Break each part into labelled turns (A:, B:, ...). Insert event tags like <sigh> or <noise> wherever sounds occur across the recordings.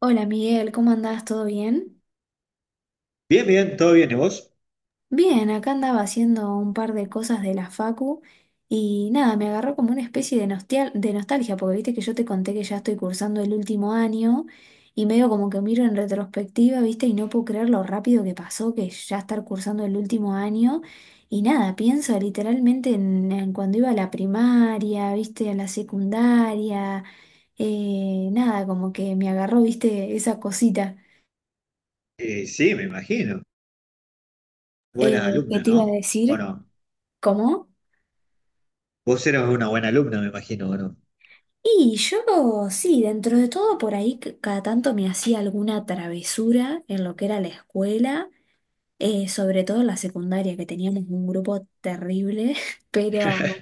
A: Hola Miguel, ¿cómo andás? ¿Todo bien?
B: Bien, bien, todo bien. ¿Y vos?
A: Bien, acá andaba haciendo un par de cosas de la facu y nada, me agarró como una especie de, de nostalgia, porque viste que yo te conté que ya estoy cursando el último año y medio como que miro en retrospectiva, viste, y no puedo creer lo rápido que pasó, que es ya estar cursando el último año. Y nada, pienso literalmente en cuando iba a la primaria, viste, a la secundaria, nada, como que me agarró, viste, esa cosita.
B: Sí, me imagino.
A: Eh,
B: Buena
A: ¿Qué
B: alumna,
A: te iba a
B: ¿no? ¿O
A: decir?
B: no?
A: ¿Cómo?
B: Vos eras una buena alumna, me imagino, ¿o no?
A: Y yo, sí, dentro de todo, por ahí cada tanto me hacía alguna travesura en lo que era la escuela, sobre todo en la secundaria, que teníamos un grupo terrible, <laughs> pero,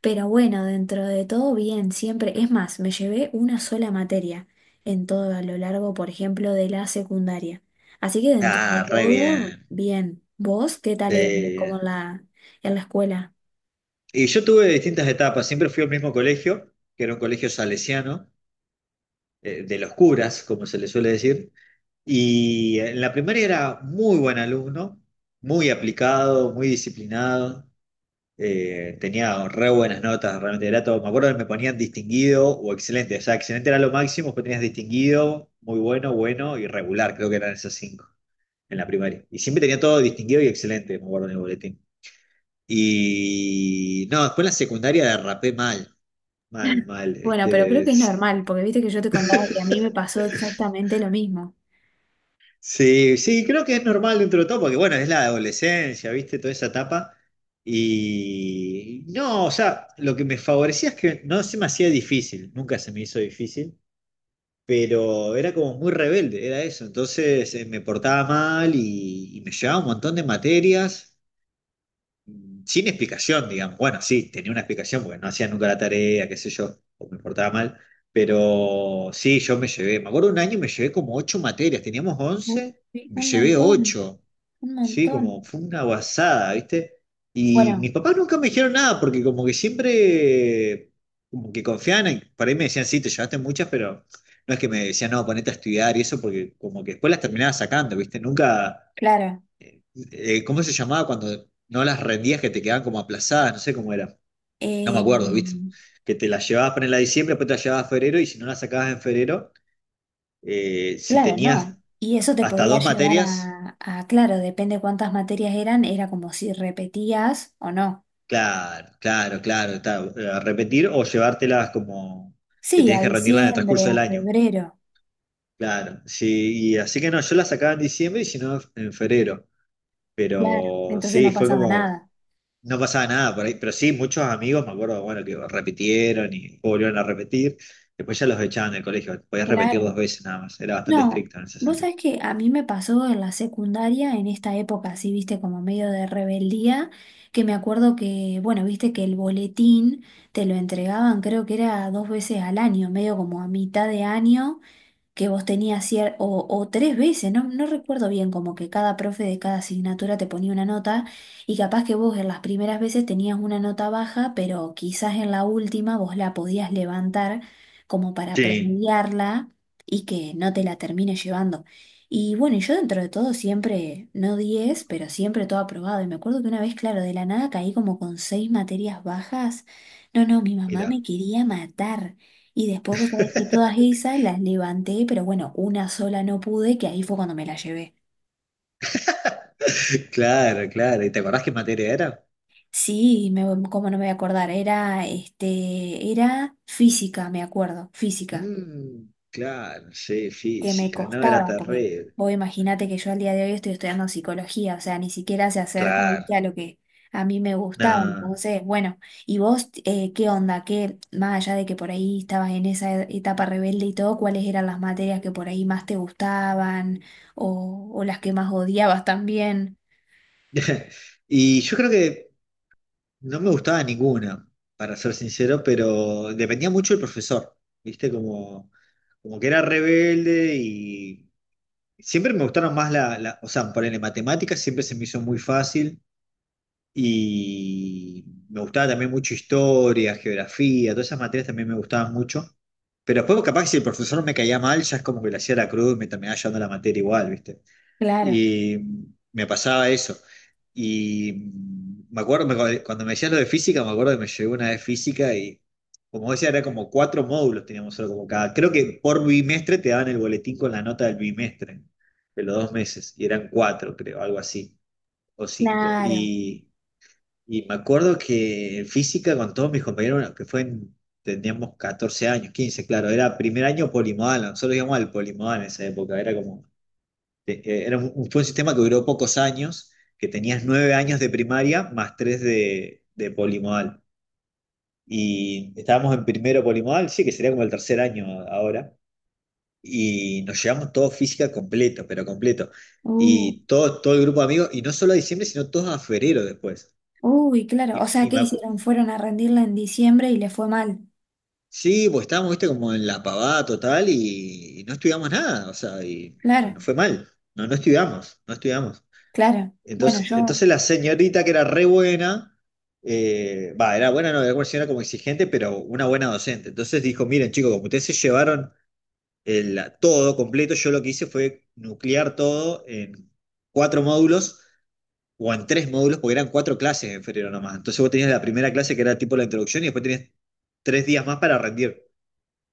A: pero bueno, dentro de todo, bien, siempre. Es más, me llevé una sola materia en todo a lo largo, por ejemplo, de la secundaria. Así que dentro de
B: Ah, re
A: todo,
B: bien.
A: bien. ¿Vos qué tal eras
B: Sí.
A: como en la escuela?
B: Y yo tuve distintas etapas. Siempre fui al mismo colegio, que era un colegio salesiano, de los curas, como se le suele decir. Y en la primaria era muy buen alumno, muy aplicado, muy disciplinado. Tenía re buenas notas, realmente era todo. Me acuerdo que me ponían distinguido o excelente. O sea, excelente era lo máximo, pues tenías distinguido, muy bueno, bueno y regular, creo que eran esas cinco en la primaria. Y siempre tenía todo distinguido y excelente, me acuerdo en el boletín. Y no, después en la secundaria derrapé mal, mal, mal.
A: Bueno, pero creo
B: Este,
A: que es normal, porque viste que yo te contaba que a mí me pasó exactamente lo mismo.
B: sí, sí, creo que es normal dentro de todo, porque bueno, es la adolescencia, ¿viste? Toda esa etapa. Y no, o sea, lo que me favorecía es que no se me hacía difícil, nunca se me hizo difícil, pero era como muy rebelde, era eso. Entonces me portaba mal y me llevaba un montón de materias sin explicación, digamos. Bueno, sí, tenía una explicación porque no hacía nunca la tarea, qué sé yo, o me portaba mal. Pero sí, yo me llevé, me acuerdo un año me llevé como ocho materias, teníamos
A: Uh,
B: 11,
A: sí,
B: me
A: un
B: llevé
A: montón,
B: ocho,
A: un
B: sí, como
A: montón.
B: fue una guasada, ¿viste? Y mis
A: Bueno,
B: papás nunca me dijeron nada porque como que siempre, como que confiaban, por ahí me decían, sí, te llevaste muchas, pero no es que me decían, no, ponete a estudiar y eso, porque como que después las terminaba sacando, ¿viste? Nunca
A: claro,
B: ¿cómo se llamaba cuando no las rendías que te quedaban como aplazadas? No sé cómo era. No me
A: eh,
B: acuerdo, ¿viste? Que te las llevabas para en la diciembre, después te las llevabas a febrero y si no las sacabas en febrero, si
A: claro,
B: tenías
A: no. Y eso te
B: hasta
A: podía
B: dos
A: llevar
B: materias,
A: a, claro, depende cuántas materias eran, era como si repetías o no.
B: claro, claro, claro, a repetir o llevártelas como que
A: Sí, a
B: tenías que rendirlas en el
A: diciembre,
B: transcurso
A: a
B: del año.
A: febrero,
B: Claro, sí, y así que no, yo las sacaba en diciembre y si no en febrero.
A: claro,
B: Pero
A: entonces
B: sí,
A: no
B: fue
A: pasaba
B: como
A: nada.
B: no pasaba nada por ahí, pero sí, muchos amigos, me acuerdo, bueno, que repitieron y volvieron a repetir, después ya los echaban del colegio, podías repetir dos
A: Claro.
B: veces nada más, era bastante
A: No,
B: estricto en ese
A: vos
B: sentido.
A: sabés que a mí me pasó en la secundaria, en esta época así, viste, como medio de rebeldía, que me acuerdo que, bueno, viste que el boletín te lo entregaban, creo que era dos veces al año, medio como a mitad de año, que vos tenías o tres veces, no, no recuerdo bien, como que cada profe de cada asignatura te ponía una nota y capaz que vos en las primeras veces tenías una nota baja, pero quizás en la última vos la podías levantar como para
B: Sí.
A: promediarla y que no te la termines llevando. Y bueno, y yo dentro de todo siempre, no 10 pero siempre todo aprobado. Y me acuerdo que una vez, claro, de la nada caí como con seis materias bajas. No, no, mi mamá
B: Mira.
A: me quería matar. Y después vos sabés que todas
B: <laughs>
A: esas las levanté, pero bueno, una sola no pude, que ahí fue cuando me la llevé.
B: Claro, claro, ¿y te acordás qué materia era?
A: Sí, me, cómo no me voy a acordar, era, este, era física, me acuerdo, física.
B: Mm, claro, sí,
A: Que me
B: física, no, era
A: costaba, porque
B: terrible,
A: vos imagínate que yo al día de hoy estoy estudiando psicología, o sea, ni siquiera se acerca,
B: claro,
A: ¿viste?, a lo que a mí me gustaba.
B: no.
A: Entonces, bueno, ¿y vos qué onda? ¿Qué, más allá de que por ahí estabas en esa etapa rebelde y todo, cuáles eran las materias que por ahí más te gustaban o las que más odiabas también?
B: <laughs> Y yo creo que no me gustaba ninguna, para ser sincero, pero dependía mucho del profesor, ¿viste? Como, como que era rebelde y siempre me gustaron más o sea, ponerle matemáticas siempre se me hizo muy fácil y me gustaba también mucho historia, geografía, todas esas materias también me gustaban mucho. Pero después capaz que si el profesor me caía mal, ya es como que le hacía la cruz y me terminaba llevando la materia igual, ¿viste?
A: Claro,
B: Y me pasaba eso. Y me acuerdo, cuando me decías lo de física, me acuerdo que me llegó una vez física y, como decía, era como cuatro módulos teníamos solo como cada. Creo que por bimestre te daban el boletín con la nota del bimestre, de los 2 meses, y eran cuatro, creo, algo así, o cinco.
A: claro.
B: Y me acuerdo que en física con todos mis compañeros, bueno, que fue teníamos 14 años, 15 claro, era primer año polimodal, nosotros íbamos al polimodal en esa época, era como fue un sistema que duró pocos años, que tenías 9 años de primaria más tres de polimodal. Y estábamos en primero polimodal, sí, que sería como el tercer año ahora. Y nos llevamos todo física completo, pero completo.
A: Uh,
B: Y todo, todo el grupo de amigos, y no solo a diciembre, sino todos a febrero después.
A: uy, claro. O
B: Y,
A: sea,
B: y
A: ¿qué
B: me acu-
A: hicieron? Fueron a rendirla en diciembre y le fue mal.
B: sí, pues estábamos, viste, como en la pavada total y no estudiamos nada, o sea, y
A: Claro,
B: nos fue mal. No, no estudiamos, no estudiamos.
A: claro. Bueno,
B: Entonces,
A: yo,
B: entonces la señorita que era re buena, va, era buena, no, era una señora como exigente, pero una buena docente. Entonces dijo, miren chicos, como ustedes se llevaron el, todo completo, yo lo que hice fue nuclear todo en cuatro módulos o en tres módulos, porque eran cuatro clases en febrero nomás. Entonces vos tenías la primera clase que era tipo la introducción y después tenías 3 días más para rendir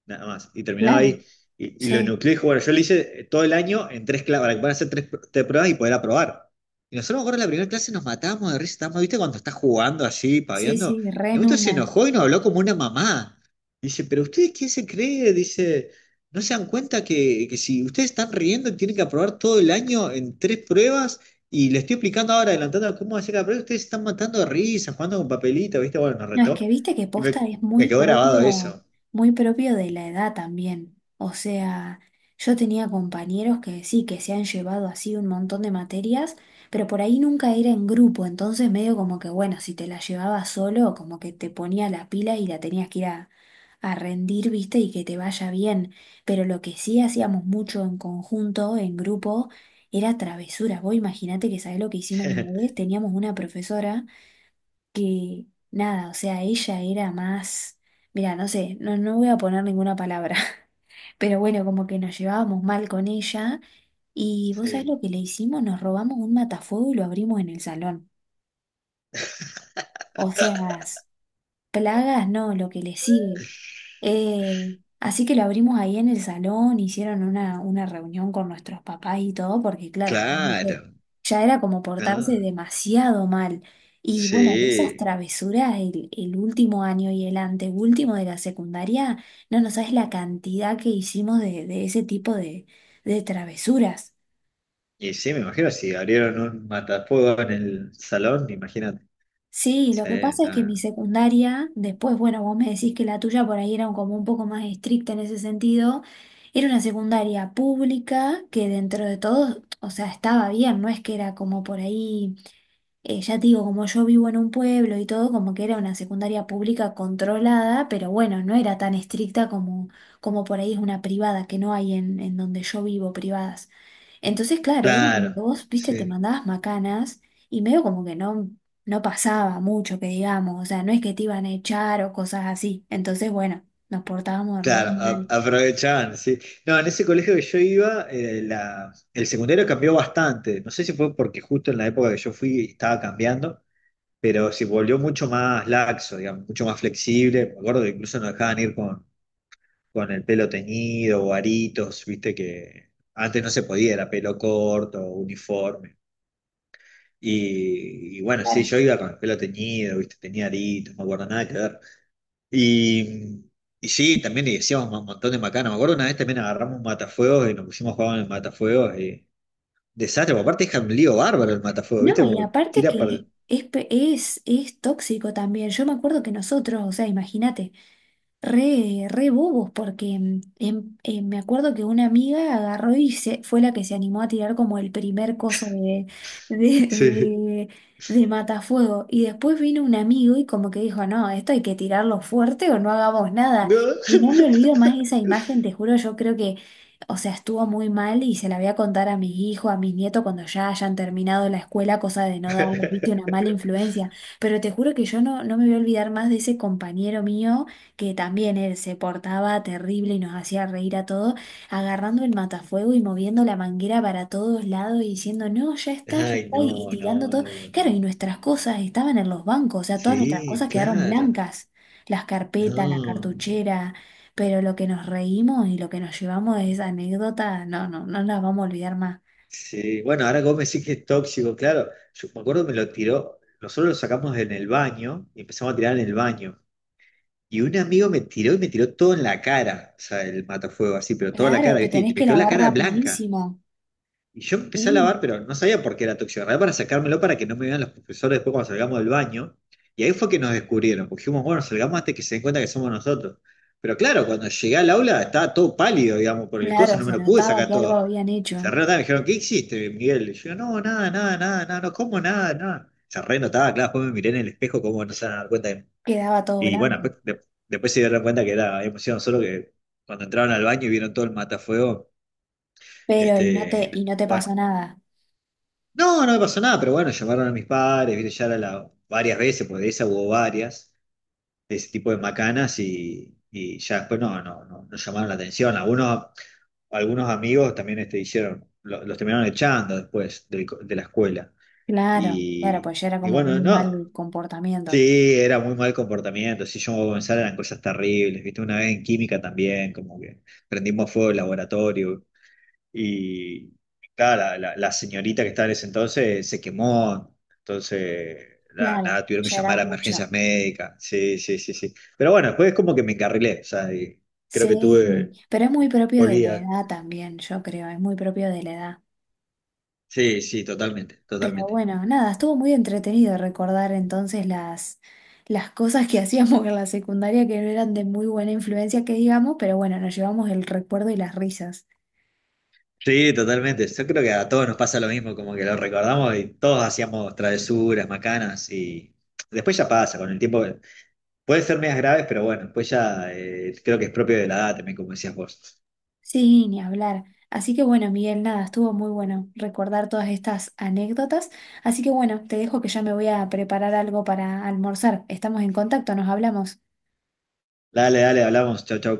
B: nada más. Y terminaba
A: claro,
B: ahí. Y lo
A: sí.
B: nucleé y dije, bueno, yo lo hice todo el año en tres clases, para que puedan hacer tres pruebas y poder aprobar. Y nosotros, me acuerdo, en la primera clase nos matábamos de risa, estábamos, ¿viste? Cuando estás jugando así,
A: Sí,
B: paviando.
A: sí, re
B: Y un
A: en
B: momento se
A: una.
B: enojó y nos habló como una mamá. Dice, ¿pero ustedes quién se cree? Dice, ¿no se dan cuenta que si ustedes están riendo tienen que aprobar todo el año en tres pruebas? Y le estoy explicando ahora, adelantando cómo hacer cada prueba, ustedes se están matando de risa, jugando con papelito, ¿viste? Bueno, nos
A: No, es que
B: retó.
A: viste que
B: Y
A: posta
B: me,
A: es
B: me quedó grabado eso.
A: muy propio de la edad también. O sea, yo tenía compañeros que sí, que se han llevado así un montón de materias, pero por ahí nunca era en grupo, entonces medio como que, bueno, si te la llevabas solo, como que te ponía la pila y la tenías que ir a rendir, viste, y que te vaya bien. Pero lo que sí hacíamos mucho en conjunto, en grupo, era travesura. Vos imaginate, que sabés lo que hicimos una
B: <laughs>
A: vez. Teníamos una profesora que nada, o sea, ella era más, mira, no sé, no, no voy a poner ninguna palabra, <laughs> pero bueno, como que nos llevábamos mal con ella, y vos sabés
B: Sí,
A: lo que le hicimos, nos robamos un matafuego y lo abrimos en el salón. O sea, plagas, no, lo que le sigue. Así que lo abrimos ahí en el salón, hicieron una reunión con nuestros papás y todo, porque claro, ya
B: claro,
A: viste, ya era como portarse
B: ¿no?
A: demasiado mal. Y bueno, de esas
B: Sí,
A: travesuras, el último año y el anteúltimo de la secundaria, no, no sabes la cantidad que hicimos de ese tipo de travesuras.
B: y sí, me imagino, si abrieron un matafuego en el salón, imagínate.
A: Sí, lo
B: Sí,
A: que pasa es que mi
B: no.
A: secundaria, después, bueno, vos me decís que la tuya por ahí era como un poco más estricta en ese sentido, era una secundaria pública que dentro de todo, o sea, estaba bien, no es que era como por ahí... Ya te digo, como yo vivo en un pueblo y todo, como que era una secundaria pública controlada, pero bueno, no era tan estricta como, como por ahí es una privada, que no hay en donde yo vivo privadas. Entonces, claro, era como que
B: Claro,
A: vos, viste, te
B: sí,
A: mandabas macanas y medio como que no, no pasaba mucho, que digamos, o sea, no es que te iban a echar o cosas así. Entonces, bueno, nos portábamos re
B: claro,
A: mal.
B: aprovechaban, sí. No, en ese colegio que yo iba, el secundario cambió bastante. No sé si fue porque justo en la época que yo fui estaba cambiando, pero se volvió mucho más laxo, digamos, mucho más flexible. Me acuerdo que incluso nos dejaban ir con el pelo teñido o aritos, viste que antes no se podía, era pelo corto, uniforme. Y bueno, sí,
A: Claro.
B: yo iba con el pelo teñido, viste, tenía aritos, no me acuerdo nada que ver. Y, y sí, también le decíamos un montón de macanas. Me acuerdo una vez también agarramos un matafuegos y nos pusimos a jugar en el matafuegos y desastre, porque aparte es un lío bárbaro el matafuegos, viste,
A: No, y
B: como
A: aparte
B: tira para...
A: que es tóxico también. Yo me acuerdo que nosotros, o sea, imagínate. Re, re bobos, porque me acuerdo que una amiga agarró y se, fue la que se animó a tirar como el primer coso de, <laughs> de,
B: Sí.
A: de, de matafuego. Y después vino un amigo y como que dijo, no, esto hay que tirarlo fuerte o no hagamos nada.
B: No.
A: Y no me olvido más esa imagen, te juro, yo creo que, o sea, estuvo muy mal y se la voy a contar a mis hijos, a mis nietos cuando ya hayan terminado la escuela, cosa de no darles, viste, una mala
B: <laughs>
A: influencia. Pero te juro que yo no, no me voy a olvidar más de ese compañero mío, que también él se portaba terrible y nos hacía reír a todos, agarrando el matafuego y moviendo la manguera para todos lados y diciendo, no, ya
B: Ay,
A: está, y
B: no,
A: tirando
B: no,
A: todo.
B: no,
A: Claro,
B: no.
A: y nuestras cosas estaban en los bancos, o sea, todas nuestras
B: Sí,
A: cosas quedaron
B: claro.
A: blancas, las carpetas, la
B: No.
A: cartuchera, pero lo que nos reímos y lo que nos llevamos de esa anécdota, no, no, no las vamos a olvidar más.
B: Sí, bueno, ahora que vos que es tóxico, claro. Yo me acuerdo me lo tiró, nosotros lo sacamos en el baño y empezamos a tirar en el baño. Y un amigo me tiró y me tiró todo en la cara, o sea, el matafuego así, pero toda la
A: Claro,
B: cara,
A: te
B: ¿viste? Y
A: tenés
B: me
A: que
B: quedó la
A: lavar
B: cara blanca.
A: rapidísimo,
B: Y yo empecé a
A: sí,
B: lavar, pero no sabía por qué era tóxico. Agarré para sacármelo para que no me vean los profesores después cuando salgamos del baño. Y ahí fue que nos descubrieron, porque dijimos, bueno, salgamos antes que se den cuenta que somos nosotros. Pero claro, cuando llegué al aula estaba todo pálido, digamos, por el coso,
A: claro,
B: no me
A: se
B: lo pude
A: notaba
B: sacar
A: que algo
B: todo.
A: habían
B: Y se
A: hecho,
B: renotaba, me dijeron, ¿qué hiciste, Miguel? Y yo, no, nada, nada, nada, nada, no como nada, nada. Se renotaba, claro, después me miré en el espejo, como no se van a dar cuenta.
A: quedaba todo
B: Y bueno,
A: blanco.
B: después, después se dieron cuenta que era, emoción solo que cuando entraron al baño y vieron todo el matafuego,
A: Pero, ¿y no te,
B: este,
A: y no te
B: bueno,
A: pasó nada?
B: no, no me pasó nada, pero bueno, llamaron a mis padres, viste, ya era la, varias veces, porque de esa hubo varias, de ese tipo de macanas, y ya después no, no, no, no llamaron la atención. Algunos amigos también este, hicieron, los terminaron echando después del la escuela.
A: Claro, claro,
B: Y,
A: pues ya era
B: y
A: como
B: bueno,
A: muy
B: no,
A: mal comportamiento.
B: sí, era muy mal comportamiento, sí, yo voy a comenzar, eran cosas terribles, viste, una vez en química también, como que prendimos fuego el laboratorio, y claro, la señorita que estaba en ese entonces se quemó, entonces nada,
A: Claro,
B: nada, tuvieron que
A: ya era
B: llamar a
A: mucho.
B: emergencias médicas. Sí, sí, sí, sí. Pero bueno, después es como que me encarrilé, o sea, y creo que
A: Sí,
B: tuve
A: pero es muy propio de la
B: polía.
A: edad también, yo creo, es muy propio de la edad.
B: Sí, sí, totalmente,
A: Pero
B: totalmente.
A: bueno, nada, estuvo muy entretenido recordar entonces las cosas que <laughs> hacíamos en la secundaria, que no eran de muy buena influencia, que digamos, pero bueno, nos llevamos el recuerdo y las risas.
B: Sí, totalmente. Yo creo que a todos nos pasa lo mismo, como que lo recordamos y todos hacíamos travesuras, macanas y después ya pasa, con el tiempo puede ser medias graves, pero bueno, después ya creo que es propio de la edad también, como decías vos.
A: Sí, ni hablar. Así que bueno, Miguel, nada, estuvo muy bueno recordar todas estas anécdotas. Así que bueno, te dejo que ya me voy a preparar algo para almorzar. Estamos en contacto, nos hablamos.
B: Dale, dale, hablamos, chau, chau.